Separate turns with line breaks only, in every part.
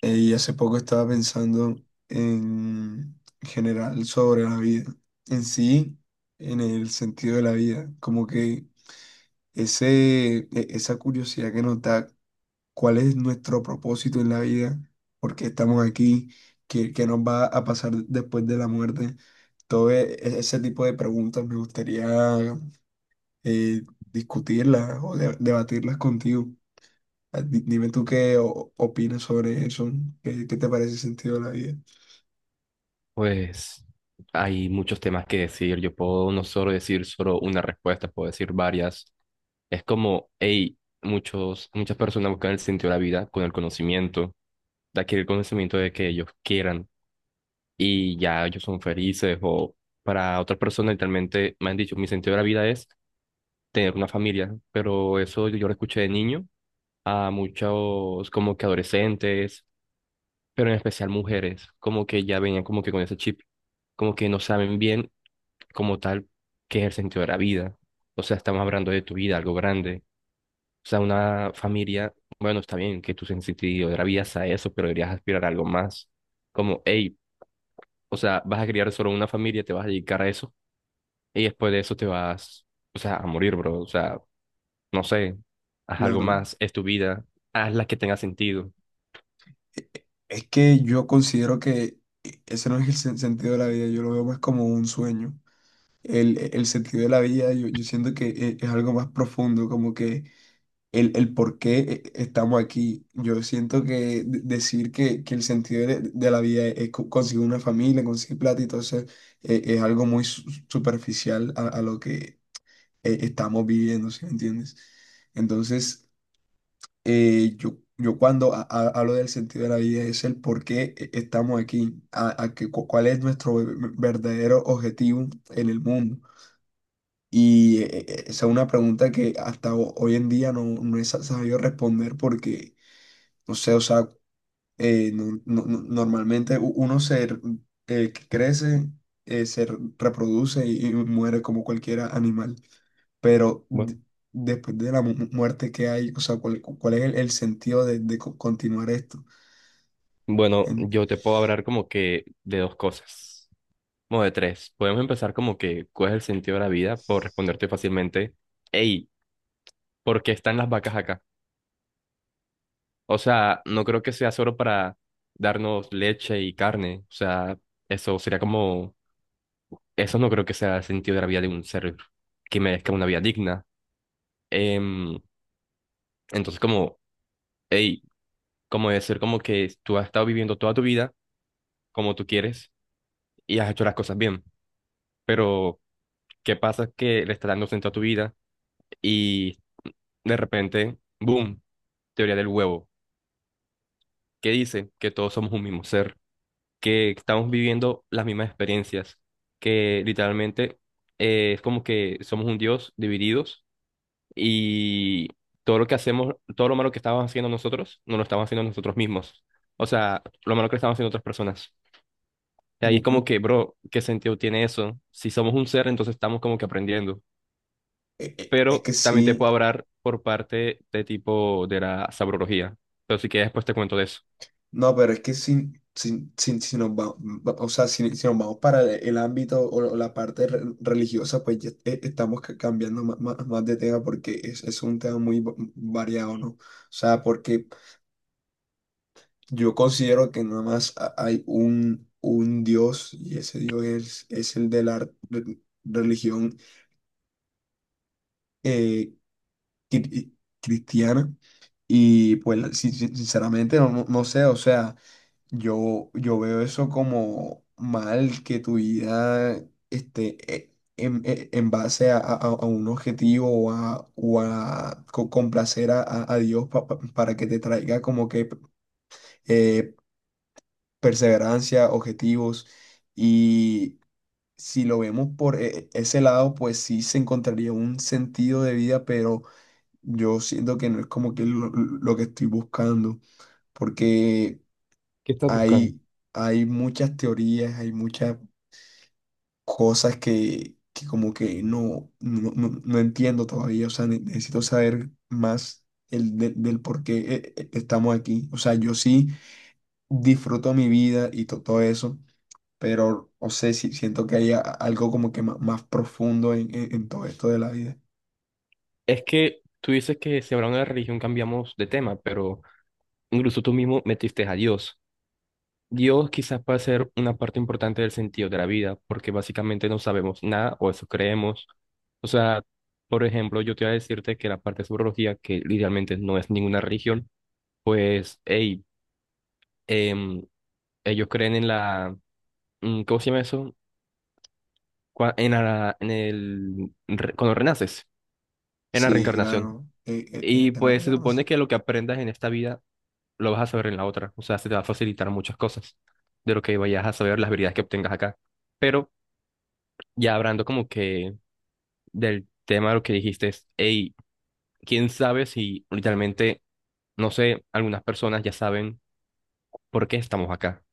Y hace poco estaba pensando en general sobre la vida, en sí, en el sentido de la vida, como que esa curiosidad que nos da cuál es nuestro propósito en la vida, por qué estamos aquí, qué nos va a pasar después de la muerte, todo ese tipo de preguntas me gustaría eh, discutirlas o debatirlas contigo. Dime tú qué opinas sobre eso, qué te parece el sentido de la vida.
Pues hay muchos temas que decir. Yo puedo no solo decir solo una respuesta, puedo decir varias. Es como, hey, muchas personas buscan el sentido de la vida con el conocimiento, de adquirir conocimiento de que ellos quieran y ya ellos son felices. O para otras personas, literalmente me han dicho, mi sentido de la vida es tener una familia, pero eso yo lo escuché de niño a muchos como que adolescentes pero en especial mujeres, como que ya venían como que con ese chip, como que no saben bien como tal qué es el sentido de la vida. O sea, estamos hablando de tu vida, algo grande. O sea, una familia, bueno, está bien que tu sentido de la vida sea eso, pero deberías aspirar a algo más. Como, hey, o sea, vas a criar solo una familia, te vas a dedicar a eso, y después de eso te vas, o sea, a morir, bro. O sea, no sé, haz algo
Claro.
más, es tu vida, haz la que tenga sentido.
E- e- Es que yo considero que ese no es el sentido de la vida, yo lo veo más como un sueño. El sentido de la vida, yo siento que es algo más profundo, como que el por qué estamos aquí. Yo siento que decir que el sentido de la vida es conseguir una familia, conseguir plata, y entonces es algo muy superficial a lo que estamos viviendo, ¿sí me entiendes? Entonces... yo cuando hablo del sentido de la vida es el por qué estamos aquí, cuál es nuestro verdadero objetivo en el mundo. Y esa es una pregunta que hasta hoy en día no he sabido responder porque, no sé, o sea, normalmente uno que crece, se reproduce y muere como cualquier animal. Pero
Bueno,
después de la muerte que hay, o sea, ¿cuál es el sentido de continuar esto?
bueno,
En-
yo te puedo hablar como que de dos cosas. Modo de tres. Podemos empezar como que, ¿cuál es el sentido de la vida? Por responderte fácilmente, hey, ¿por qué están las vacas acá? O sea, no creo que sea solo para darnos leche y carne. O sea, eso sería como, eso no creo que sea el sentido de la vida de un ser que merezca una vida digna. Em, entonces, como, hey, como decir como que tú has estado viviendo toda tu vida como tú quieres y has hecho las cosas bien, pero ¿qué pasa que le está dando sentido a tu vida y de repente, boom? Teoría del huevo, que dice que todos somos un mismo ser, que estamos viviendo las mismas experiencias, que literalmente es como que somos un Dios divididos y todo lo que hacemos, todo lo malo que estamos haciendo nosotros, no lo estamos haciendo nosotros mismos. O sea, lo malo que estamos haciendo otras personas. Y ahí es
bu- bu-
como que, bro, ¿qué sentido tiene eso? Si somos un ser, entonces estamos como que aprendiendo.
es
Pero
que
también te
sí.
puedo hablar por parte de tipo de la sabrología. Pero si que después te cuento de eso.
No, pero es que si nos o sea, si nos vamos para el ámbito o la parte religiosa, pues ya estamos cambiando más, de tema porque es un tema muy variado, ¿no? O sea, porque yo considero que nada más hay un Dios y ese Dios es el de la religión eh, cri- cristiana y pues sinceramente no sé, o sea... yo veo eso como mal que tu vida esté en base a un objetivo o a complacer a Dios para que te traiga como que eh, perseverancia, objetivos. Y si lo vemos por ese lado, pues sí se encontraría un sentido de vida, pero yo siento que no es como que lo que estoy buscando, porque... Hay, hay muchas teorías, hay muchas cosas que como que no entiendo todavía. O sea, necesito saber más del por qué estamos aquí. O sea, yo sí disfruto mi vida y todo eso, pero o sea sí siento que hay algo como que más, profundo en todo esto de la vida.
Es que tú dices que si hablamos de la religión cambiamos de tema, pero incluso tú mismo metiste a Dios. Dios quizás puede ser una parte importante del sentido de la vida, porque básicamente no sabemos nada o eso creemos. O sea, por ejemplo, yo te voy a decirte que la parte de sobrología, que idealmente no es ninguna religión, pues, hey, em, ellos creen en la, ¿cómo se llama eso? En la, en el, cuando renaces, en la
Sí,
reencarnación.
claro,
Y
en la
pues se supone
reencarnación.
que lo que aprendas en esta vida lo vas a saber en la otra. O sea, se te va a facilitar muchas cosas de lo que vayas a saber, las habilidades que obtengas acá. Pero ya hablando como que del tema de lo que dijiste, es, hey, quién sabe si literalmente, no sé, algunas personas ya saben por qué estamos acá.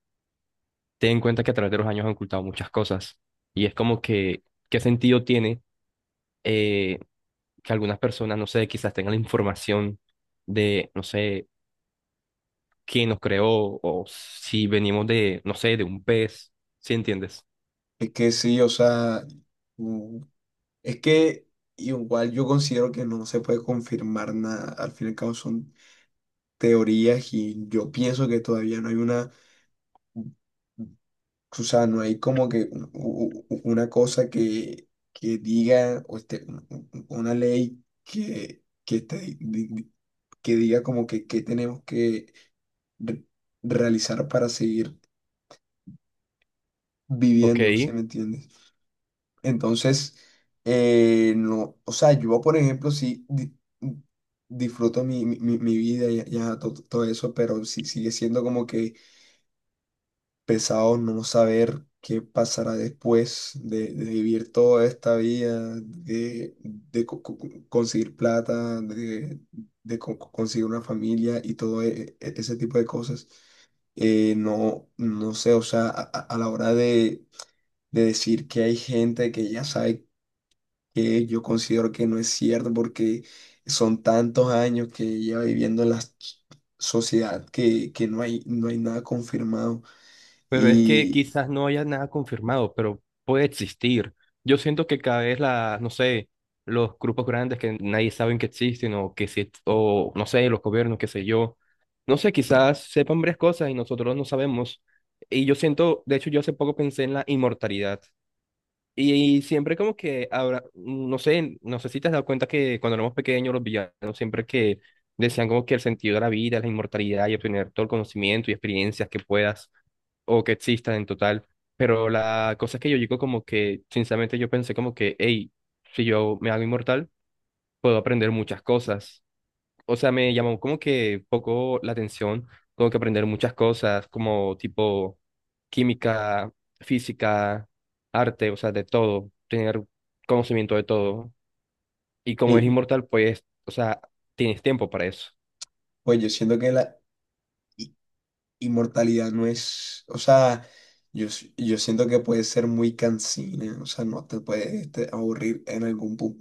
Ten en cuenta que a través de los años han ocultado muchas cosas. Y es como que, ¿qué sentido tiene eh, que algunas personas, no sé, quizás tengan la información de, no sé, quién nos creó o si venimos de, no sé, de un pez, ¿sí entiendes?
Es que sí, o sea, es que igual yo considero que no se puede confirmar nada. Al fin y al cabo son teorías y yo pienso que todavía no hay una, o sea, no hay como que una cosa que diga, o este, un- una ley que, te- di- di- que diga como que qué tenemos que re- realizar para seguir
Ok,
viviendo, ¿se me entiende? Entonces, no, o sea, yo, por ejemplo, sí disfruto mi vida y ya, todo, eso, pero sí, sigue siendo como que pesado no saber qué pasará después de vivir toda esta vida, conseguir plata, de conseguir una familia y todo ese tipo de cosas. No, no sé, o sea, a la hora de decir que hay gente que ya sabe que yo considero que no es cierto porque son tantos años que lleva viviendo en la sociedad que no hay nada confirmado.
pero es que
Y,
quizás no haya nada confirmado, pero puede existir. Yo siento que cada vez la, no sé, los grupos grandes que nadie sabe que existen o que si, o no sé, los gobiernos, qué sé yo, no sé, quizás sepan varias cosas y nosotros no sabemos. Y yo siento, de hecho, yo hace poco pensé en la inmortalidad. Y, siempre como que ahora, no sé, no sé si te has dado cuenta que cuando éramos pequeños los villanos siempre que decían como que el sentido de la vida es la inmortalidad y obtener todo el conocimiento y experiencias que puedas. O que existan en total. Pero la cosa es que yo digo como que, sinceramente, yo pensé como que, hey, si yo me hago inmortal, puedo aprender muchas cosas. O sea, me llamó como que poco la atención, como que aprender muchas cosas, como tipo química, física, arte, o sea, de todo, tener conocimiento de todo. Y como es
y,
inmortal, pues, o sea, tienes tiempo para eso.
pues yo siento que la i- inmortalidad no es, o sea, yo siento que puede ser muy cansina, o sea, no te puede este, aburrir en algún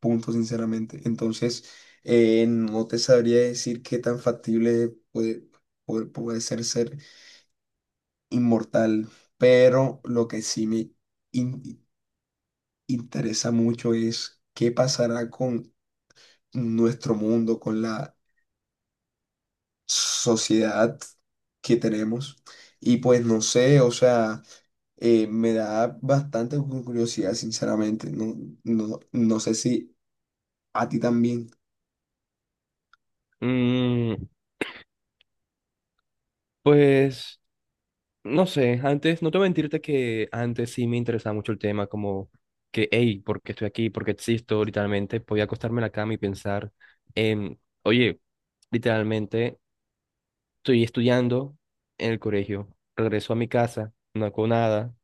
punto, sinceramente. Entonces, no te sabría decir qué tan factible puede ser ser. Inmortal, pero lo que sí me in- interesa mucho es qué pasará con nuestro mundo, con la sociedad que tenemos. Y pues no sé, o sea, me da bastante curiosidad, sinceramente. No, no sé si a ti también.
Mm, pues... No sé, antes, no te voy a mentirte que antes sí me interesaba mucho el tema, como que, hey, ¿por qué estoy aquí? ¿Por qué existo? Literalmente, podía acostarme en la cama y pensar en, oye, literalmente, estoy estudiando en el colegio, regreso a mi casa, no hago nada,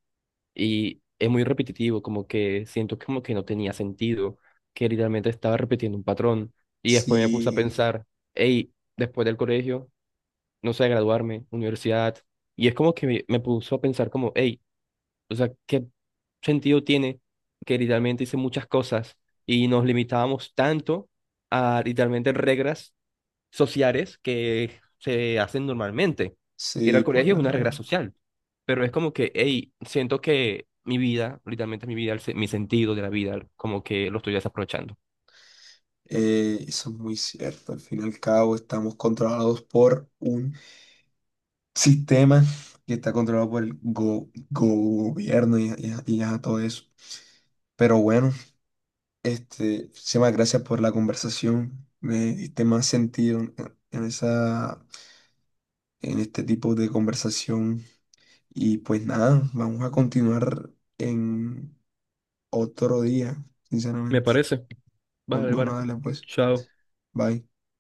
y es muy repetitivo, como que siento como que no tenía sentido, que literalmente estaba repitiendo un patrón, y después me puse a
Sí,
pensar, hey, después del colegio, no sé, graduarme, universidad, y es como que me puso a pensar como, hey, o sea, ¿qué sentido tiene que literalmente hice muchas cosas y nos limitábamos tanto a literalmente reglas sociales que se hacen normalmente? Ir al
sí, por
colegio es
la
una regla
real.
social, pero es como que, hey, siento que mi vida, literalmente mi vida, mi sentido de la vida, como que lo estoy desaprovechando.
Eso es muy cierto. Al fin y al cabo, estamos controlados por un sistema que está controlado por el gobierno y ya todo eso. Pero bueno, este, muchísimas gracias por la conversación. Me diste más sentido en esa, en este tipo de conversación. Y pues nada, vamos a continuar en otro día,
Me
sinceramente.
parece. Vale,
Bueno,
vale.
dale pues.
Chao.
Bye.